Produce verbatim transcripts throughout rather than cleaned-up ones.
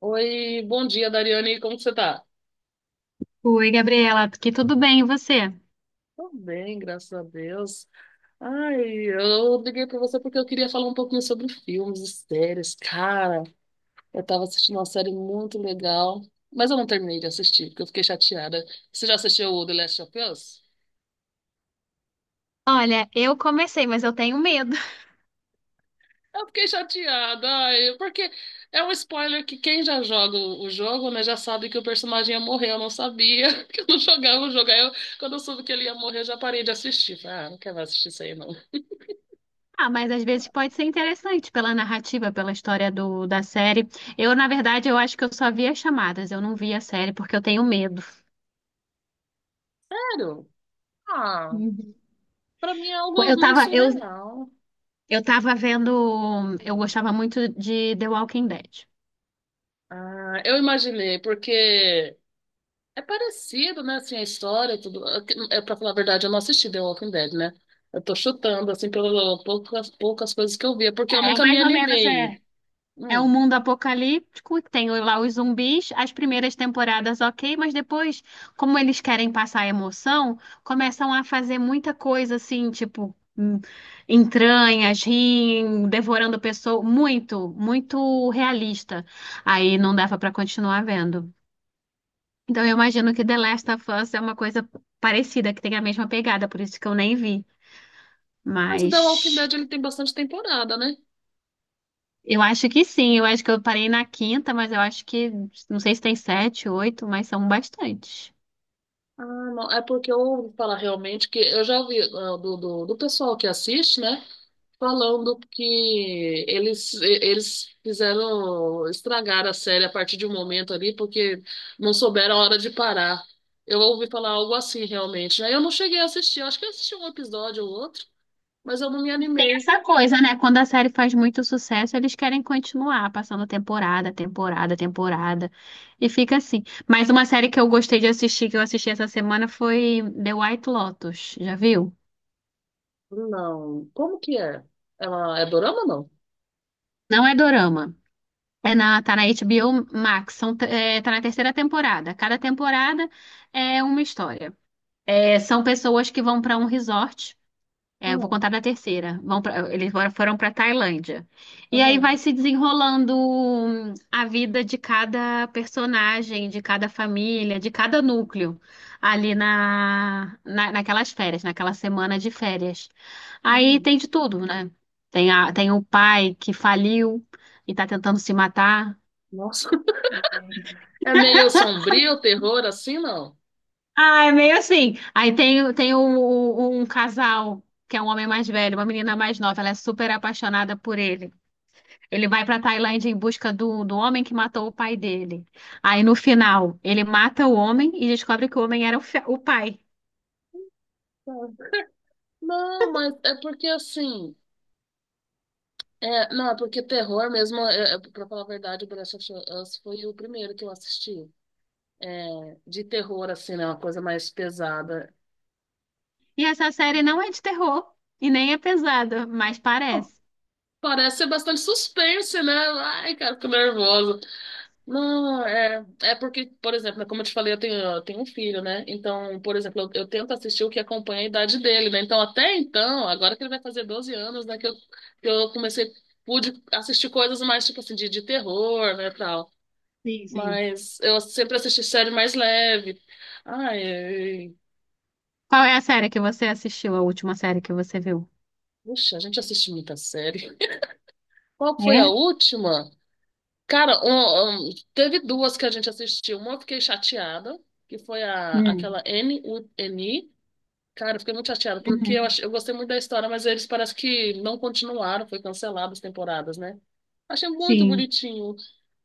Oi, bom dia, Dariane. Como que você tá? Oi, Gabriela, que tudo bem, e você? Tô bem, graças a Deus. Ai, eu liguei pra você porque eu queria falar um pouquinho sobre filmes e séries. Cara, eu tava assistindo uma série muito legal, mas eu não terminei de assistir, porque eu fiquei chateada. Você já assistiu o The Last of Us? Olha, eu comecei, mas eu tenho medo. Eu fiquei chateada, ai, porque é um spoiler que quem já joga o o jogo, né, já sabe que o personagem ia morrer. Eu não sabia que eu não jogava o jogo. Aí eu, quando eu soube que ele ia morrer, eu já parei de assistir. Falei, ah, não quero mais assistir isso aí, não. Ah, mas às vezes pode ser interessante pela narrativa, pela história do, da série. Eu, na verdade, eu acho que eu só vi as chamadas, eu não vi a série porque eu tenho medo. Sério? Ah, Uhum. pra mim é algo Eu meio tava, eu, surreal. eu tava vendo, eu Hum. gostava muito de The Walking Dead. Ah, eu imaginei, porque é parecido, né, assim, a história, tudo. É, pra falar a verdade, eu não assisti The Walking Dead, né? Eu tô chutando, assim, pelas poucas, poucas coisas que eu via, porque eu É, nunca me mais ou menos, animei. é. É um Hum. mundo apocalíptico, tem lá os zumbis, as primeiras temporadas ok, mas depois, como eles querem passar emoção, começam a fazer muita coisa assim, tipo hum, entranhas, riem, devorando pessoas, muito, muito realista. Aí não dava pra continuar vendo. Então eu imagino que The Last of Us é uma coisa parecida, que tem a mesma pegada, por isso que eu nem vi. Mas o The Walking Mas Dead, ele tem bastante temporada, né? eu acho que sim, eu acho que eu parei na quinta, mas eu acho que, não sei se tem sete, oito, mas são bastantes. Ah, não, é porque eu ouvi falar realmente que eu já ouvi ah, do, do, do pessoal que assiste, né? Falando que eles, eles fizeram estragar a série a partir de um momento ali, porque não souberam a hora de parar. Eu ouvi falar algo assim, realmente. Aí eu não cheguei a assistir, eu acho que eu assisti um episódio ou outro, mas eu não me Tem animei. essa coisa, né? Quando a série faz muito sucesso, eles querem continuar passando temporada, temporada, temporada. E fica assim. Mas uma série que eu gostei de assistir, que eu assisti essa semana, foi The White Lotus. Já viu? Não. Como que é? Ela é dorama ou não? Não é dorama. É na, tá na H B O Max. São, te- é, tá na terceira temporada. Cada temporada é uma história. É, são pessoas que vão para um resort. É, eu vou Hum, contar da terceira. Vão pra- eles foram foram para Tailândia. E aí aham, vai se desenrolando hum, a vida de cada personagem, de cada família, de cada núcleo ali na, na- naquelas férias, naquela semana de férias. Aí uhum. tem de tudo, né? Tem, a, tem o pai que faliu e tá tentando se matar. Nossa. É meio sombrio, terror, assim, não? Ah, é meio assim. Aí tem, tem o- o- um casal, que é um homem mais velho, uma menina mais nova, ela é super apaixonada por ele. Ele vai para Tailândia em busca do, do homem que matou o pai dele. Aí no final, ele mata o homem e descobre que o homem era o, fi- o pai. Tá. Não, mas é porque assim. É, não, é porque terror mesmo, é, é, pra falar a verdade, o The Last of Us foi o primeiro que eu assisti. É, de terror, assim, né? Uma coisa mais pesada. E essa série não é de terror e nem é pesada, mas parece. Parece ser bastante suspense, né? Ai, cara, fico nervosa. Não, é, é porque, por exemplo, né, como eu te falei, eu tenho, eu tenho um filho, né? Então, por exemplo, eu, eu tento assistir o que acompanha a idade dele, né? Então, até então, agora que ele vai fazer doze anos, né? Que eu, que eu comecei, pude assistir coisas mais, tipo assim, de, de terror, né? Tal. Sim, sim. Mas eu sempre assisti série mais leve. Ai, ai. Qual é a série que você assistiu, a última série que você viu? Puxa, a gente assiste muita série. Qual foi a É? última? Cara, um- um, teve duas que a gente assistiu. Uma eu fiquei chateada, que foi a, Hum. aquela N, U, N, I. Cara, eu fiquei muito chateada, porque eu, Uhum. achei, eu gostei muito da história, mas eles parece que não continuaram, foi cancelado as temporadas, né? Achei muito Sim. bonitinho.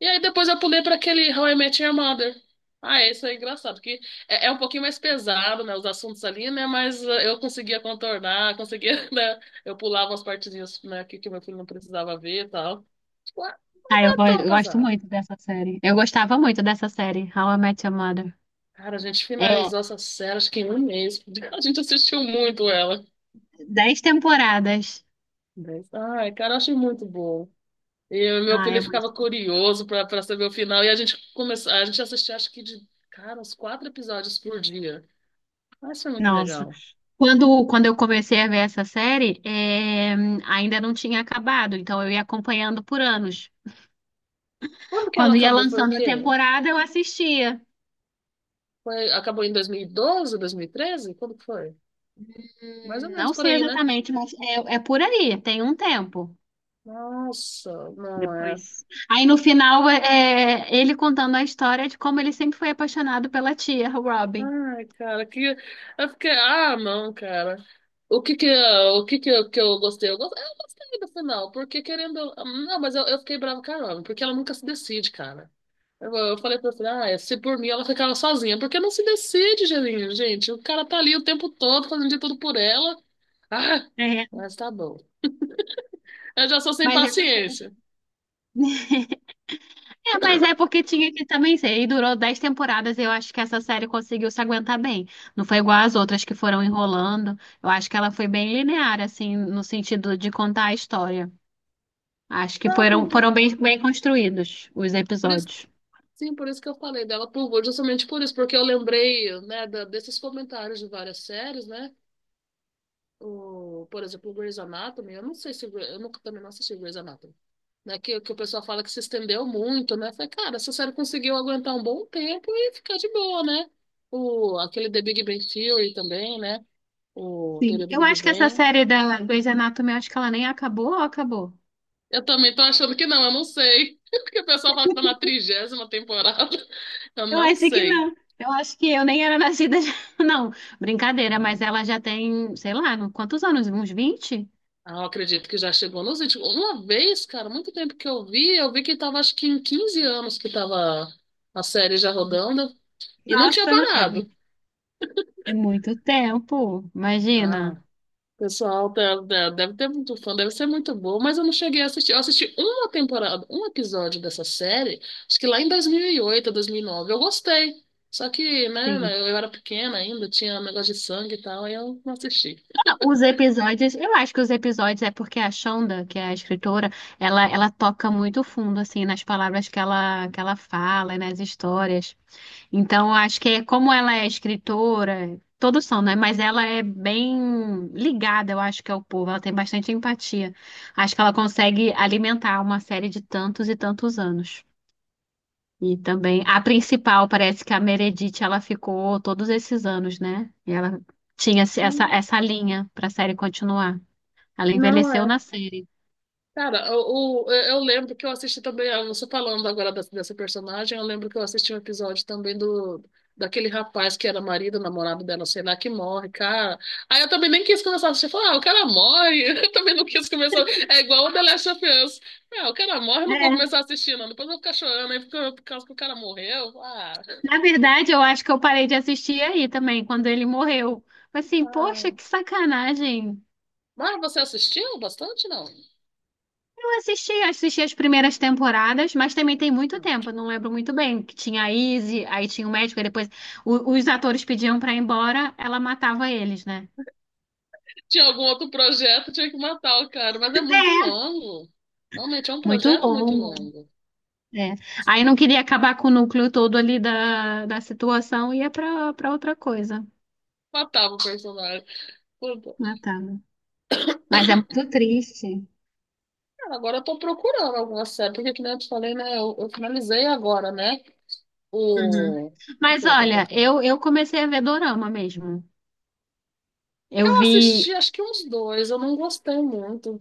E aí depois eu pulei pra aquele How I Met Your Mother. Ah, esse é engraçado, porque é, é um pouquinho mais pesado, né, os assuntos ali, né, mas eh, eu conseguia contornar, conseguia, né, eu pulava as partezinhas, né, que, que meu filho não precisava ver e tal. Tipo, ah, Ah, não eu, é go- tão eu gosto pesado. muito dessa série. Eu gostava muito dessa série, How I Met Your Mother. Cara, a gente É, finalizou essa série, acho que em um mês. A gente assistiu muito ela. dez temporadas. Dez- Ai, cara, eu achei muito bom. E o meu Ah, filho é muito. ficava curioso pra, pra saber o final, e a gente começou, a gente assistia, acho que de, cara, uns quatro episódios por dia. Mas foi muito Nossa. legal. Quando, quando eu comecei a ver essa série, eh, ainda não tinha acabado, então eu ia acompanhando por anos. Quando que ela Quando ia acabou? Foi o lançando a quê? temporada, eu assistia. Foi, acabou em dois dois mil mil e doze, dois mil e treze? Quando que foi? Mais ou Hum, menos Não por sei aí, né? exatamente, mas é, é por aí, tem um tempo Nossa, não é. depois. Aí no final, é, é, ele contando a história de como ele sempre foi apaixonado pela tia, Robin. Ai, cara, que. Eu fiquei. Ah, não, cara. O que que, eu- o que que eu, que eu gostei? Eu gos- eu gostei do final, porque querendo. Não, mas eu, eu fiquei bravo, caramba, porque ela nunca se decide, cara. Eu, eu falei pra ela, ah, se por mim ela ficava sozinha, porque não se decide, gente. Gente. O cara tá ali o tempo todo fazendo de tudo por ela. Ah, É. mas tá bom. Eu já sou sem Mas é, paciência. É, mas é porque tinha que também ser. E durou dez temporadas. E Eu acho que essa série conseguiu se aguentar bem. Não foi igual às outras que foram enrolando. Eu acho que ela foi bem linear, assim, no sentido de contar a história. Acho que Não, assim, foram, por, foram bem, bem construídos os por isso, episódios. sim, por isso que eu falei dela por Vô, justamente por isso, porque eu lembrei, né, da- desses comentários de várias séries, né? O, por exemplo, o Grey's Anatomy, eu não sei se Grey- eu nunca também não assisti Grey's Anatomy, né? Que, que o pessoal fala que se estendeu muito, né? Eu falei, cara, essa série conseguiu aguentar um bom tempo e ficar de boa, né? O, aquele The Big Bang Theory também, né? O Teoria Sim. do Eu Big acho que essa Bang. série da Grey's Anatomy, eu acho que ela nem acabou ou acabou? Eu também tô achando que não, eu não sei. Porque o pessoal fala que tá na trigésima temporada. Eu Eu não acho que sei. não. Eu acho que eu nem era nascida. Já- Não, brincadeira, Cara, mas ela já tem, sei lá, quantos anos? Uns vinte? ah, eu acredito que já chegou nos vinte. Uma vez, cara, muito tempo que eu vi, eu vi que tava acho que em quinze anos que tava a série já rodando e não tinha Nossa, é, parado. é muito tempo, Ah, imagina. pessoal, tá- tá- deve ter muito fã, deve ser muito boa, mas eu não cheguei a assistir. Eu assisti uma temporada, um episódio dessa série, acho que lá em dois mil e oito, dois mil e nove. Eu gostei. Só que, né, Sim. eu eu era pequena ainda, tinha negócio de sangue e tal, aí eu não assisti. Ah, os episódios, eu acho que os episódios é porque a Shonda, que é a escritora, ela, ela toca muito fundo, assim, nas palavras que ela, que ela fala, e nas histórias. Então, eu acho que é como ela é escritora, todos são, né? Mas ela é bem ligada, eu acho que ao povo, ela tem bastante empatia. Acho que ela consegue alimentar uma série de tantos e tantos anos. E também a principal, parece que a Meredith, ela ficou todos esses anos, né? E ela tinha esse- essa, essa linha para a série continuar. Ela Não envelheceu é. na série. Cara, o, o- eu lembro que eu assisti também, ah, você falando agora dessa, dessa personagem, eu lembro que eu assisti um episódio também do daquele rapaz que era marido, namorado dela, sei lá, que morre, cara. Aí eu também nem quis começar a assistir, falar, ah, o cara morre, eu também não quis começar, é igual o The Last of Us. Ah, o cara morre, eu não vou começar É, a assistir, não, depois eu vou ficar chorando aí por, por causa que o cara morreu, ah. na verdade, eu acho que eu parei de assistir aí também, quando ele morreu. Mas assim, Ai. poxa, que sacanagem. Mas você assistiu bastante, não? Eu assisti, assisti as primeiras temporadas, mas também tem muito tempo, eu não lembro muito bem. Que tinha a Izzy, aí tinha o médico, e depois o- os atores pediam pra ir embora, ela matava eles, né? Tinha algum outro projeto, tinha que matar o cara, mas é muito longo. Realmente é um Muito projeto muito longo. longo. É. Aí não queria acabar com o núcleo todo ali da, da situação, ia para para outra coisa. Matava o personagem. Puta. Ah, tá. Mas é muito triste. Cara, agora eu tô procurando alguma série, porque que nem eu te falei, né? Eu, eu finalizei agora, né? Uhum. O. O que Mas eu tava olha, tocando? eu, eu comecei a ver dorama mesmo. Eu Eu vi. assisti acho que uns dois, eu não gostei muito.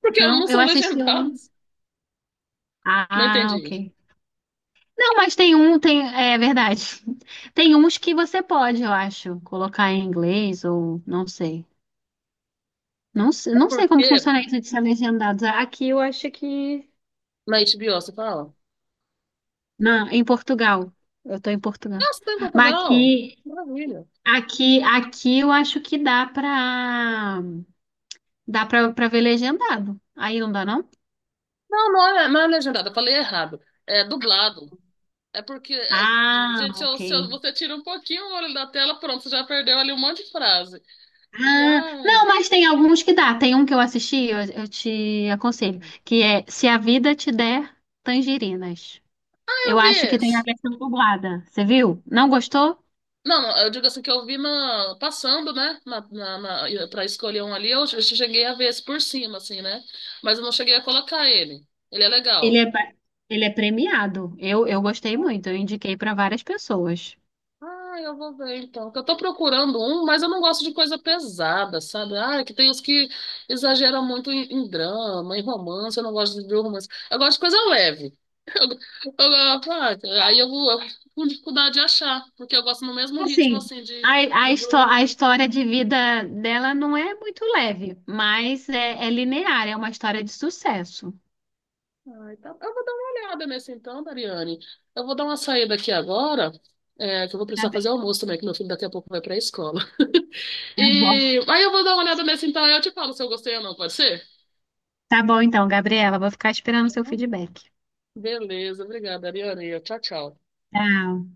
Porque não Não, eu são assisti um. legendados. Não Ah, ok. entendi. Não, mas tem um, tem. É verdade. Tem uns que você pode, eu acho, colocar em inglês ou não sei. Não, se- É não sei como porque funciona isso de ser legendados. Aqui eu acho que na H B O você fala, não, em Portugal. Eu tô em Portugal. nossa, tá em Mas Portugal? aqui, Maravilha. aqui, aqui eu acho que dá pra, dá pra, pra ver legendado. Aí não dá, não? Não, não é, não é legendado, eu falei errado. É dublado. É porque, é, Ah, gente, se, eu- ok. se eu- você tira um pouquinho o olho da tela, pronto, você já perdeu ali um monte de frase. E Ah, ai, não, mas tem alguns que dá. Tem um que eu assisti, eu, eu te aconselho, que é Se a Vida Te Der Tangerinas. Eu eu vi acho que tem a esse. versão dublada. Você viu? Não gostou? Não, não, eu digo assim que eu vi na, passando, né? Na, na, na- pra escolher um ali, eu che- cheguei a ver esse por cima, assim, né? Mas eu não cheguei a colocar ele. Ele é Ele legal. é, pa- ele é premiado. Eu, eu gostei muito. Eu indiquei para várias pessoas. Ah, eu vou ver então. Porque eu tô procurando um, mas eu não gosto de coisa pesada, sabe? Ah, é que tem os que exageram muito em, em drama, em romance. Eu não gosto de ver romance. Eu gosto de coisa leve. Eu, eu, ah, aí eu vou, eu fico com dificuldade de achar, porque eu gosto no mesmo ritmo Assim, assim de, a, de a, histó a grupo. história de vida dela não é muito leve, mas é, é linear, é uma história de sucesso. Ah, então, eu vou dar uma olhada nesse então, Dariane. Eu vou dar uma saída aqui agora, é, que eu vou Tá precisar bem, fazer almoço também, que meu filho daqui a pouco vai para a escola. tá bom. E aí eu vou dar uma olhada nesse então, aí eu te falo se eu gostei ou não, pode ser? Tá bom então, Gabriela, vou ficar esperando o seu feedback. Beleza, obrigada, Ariane. Tchau, tchau. Tchau.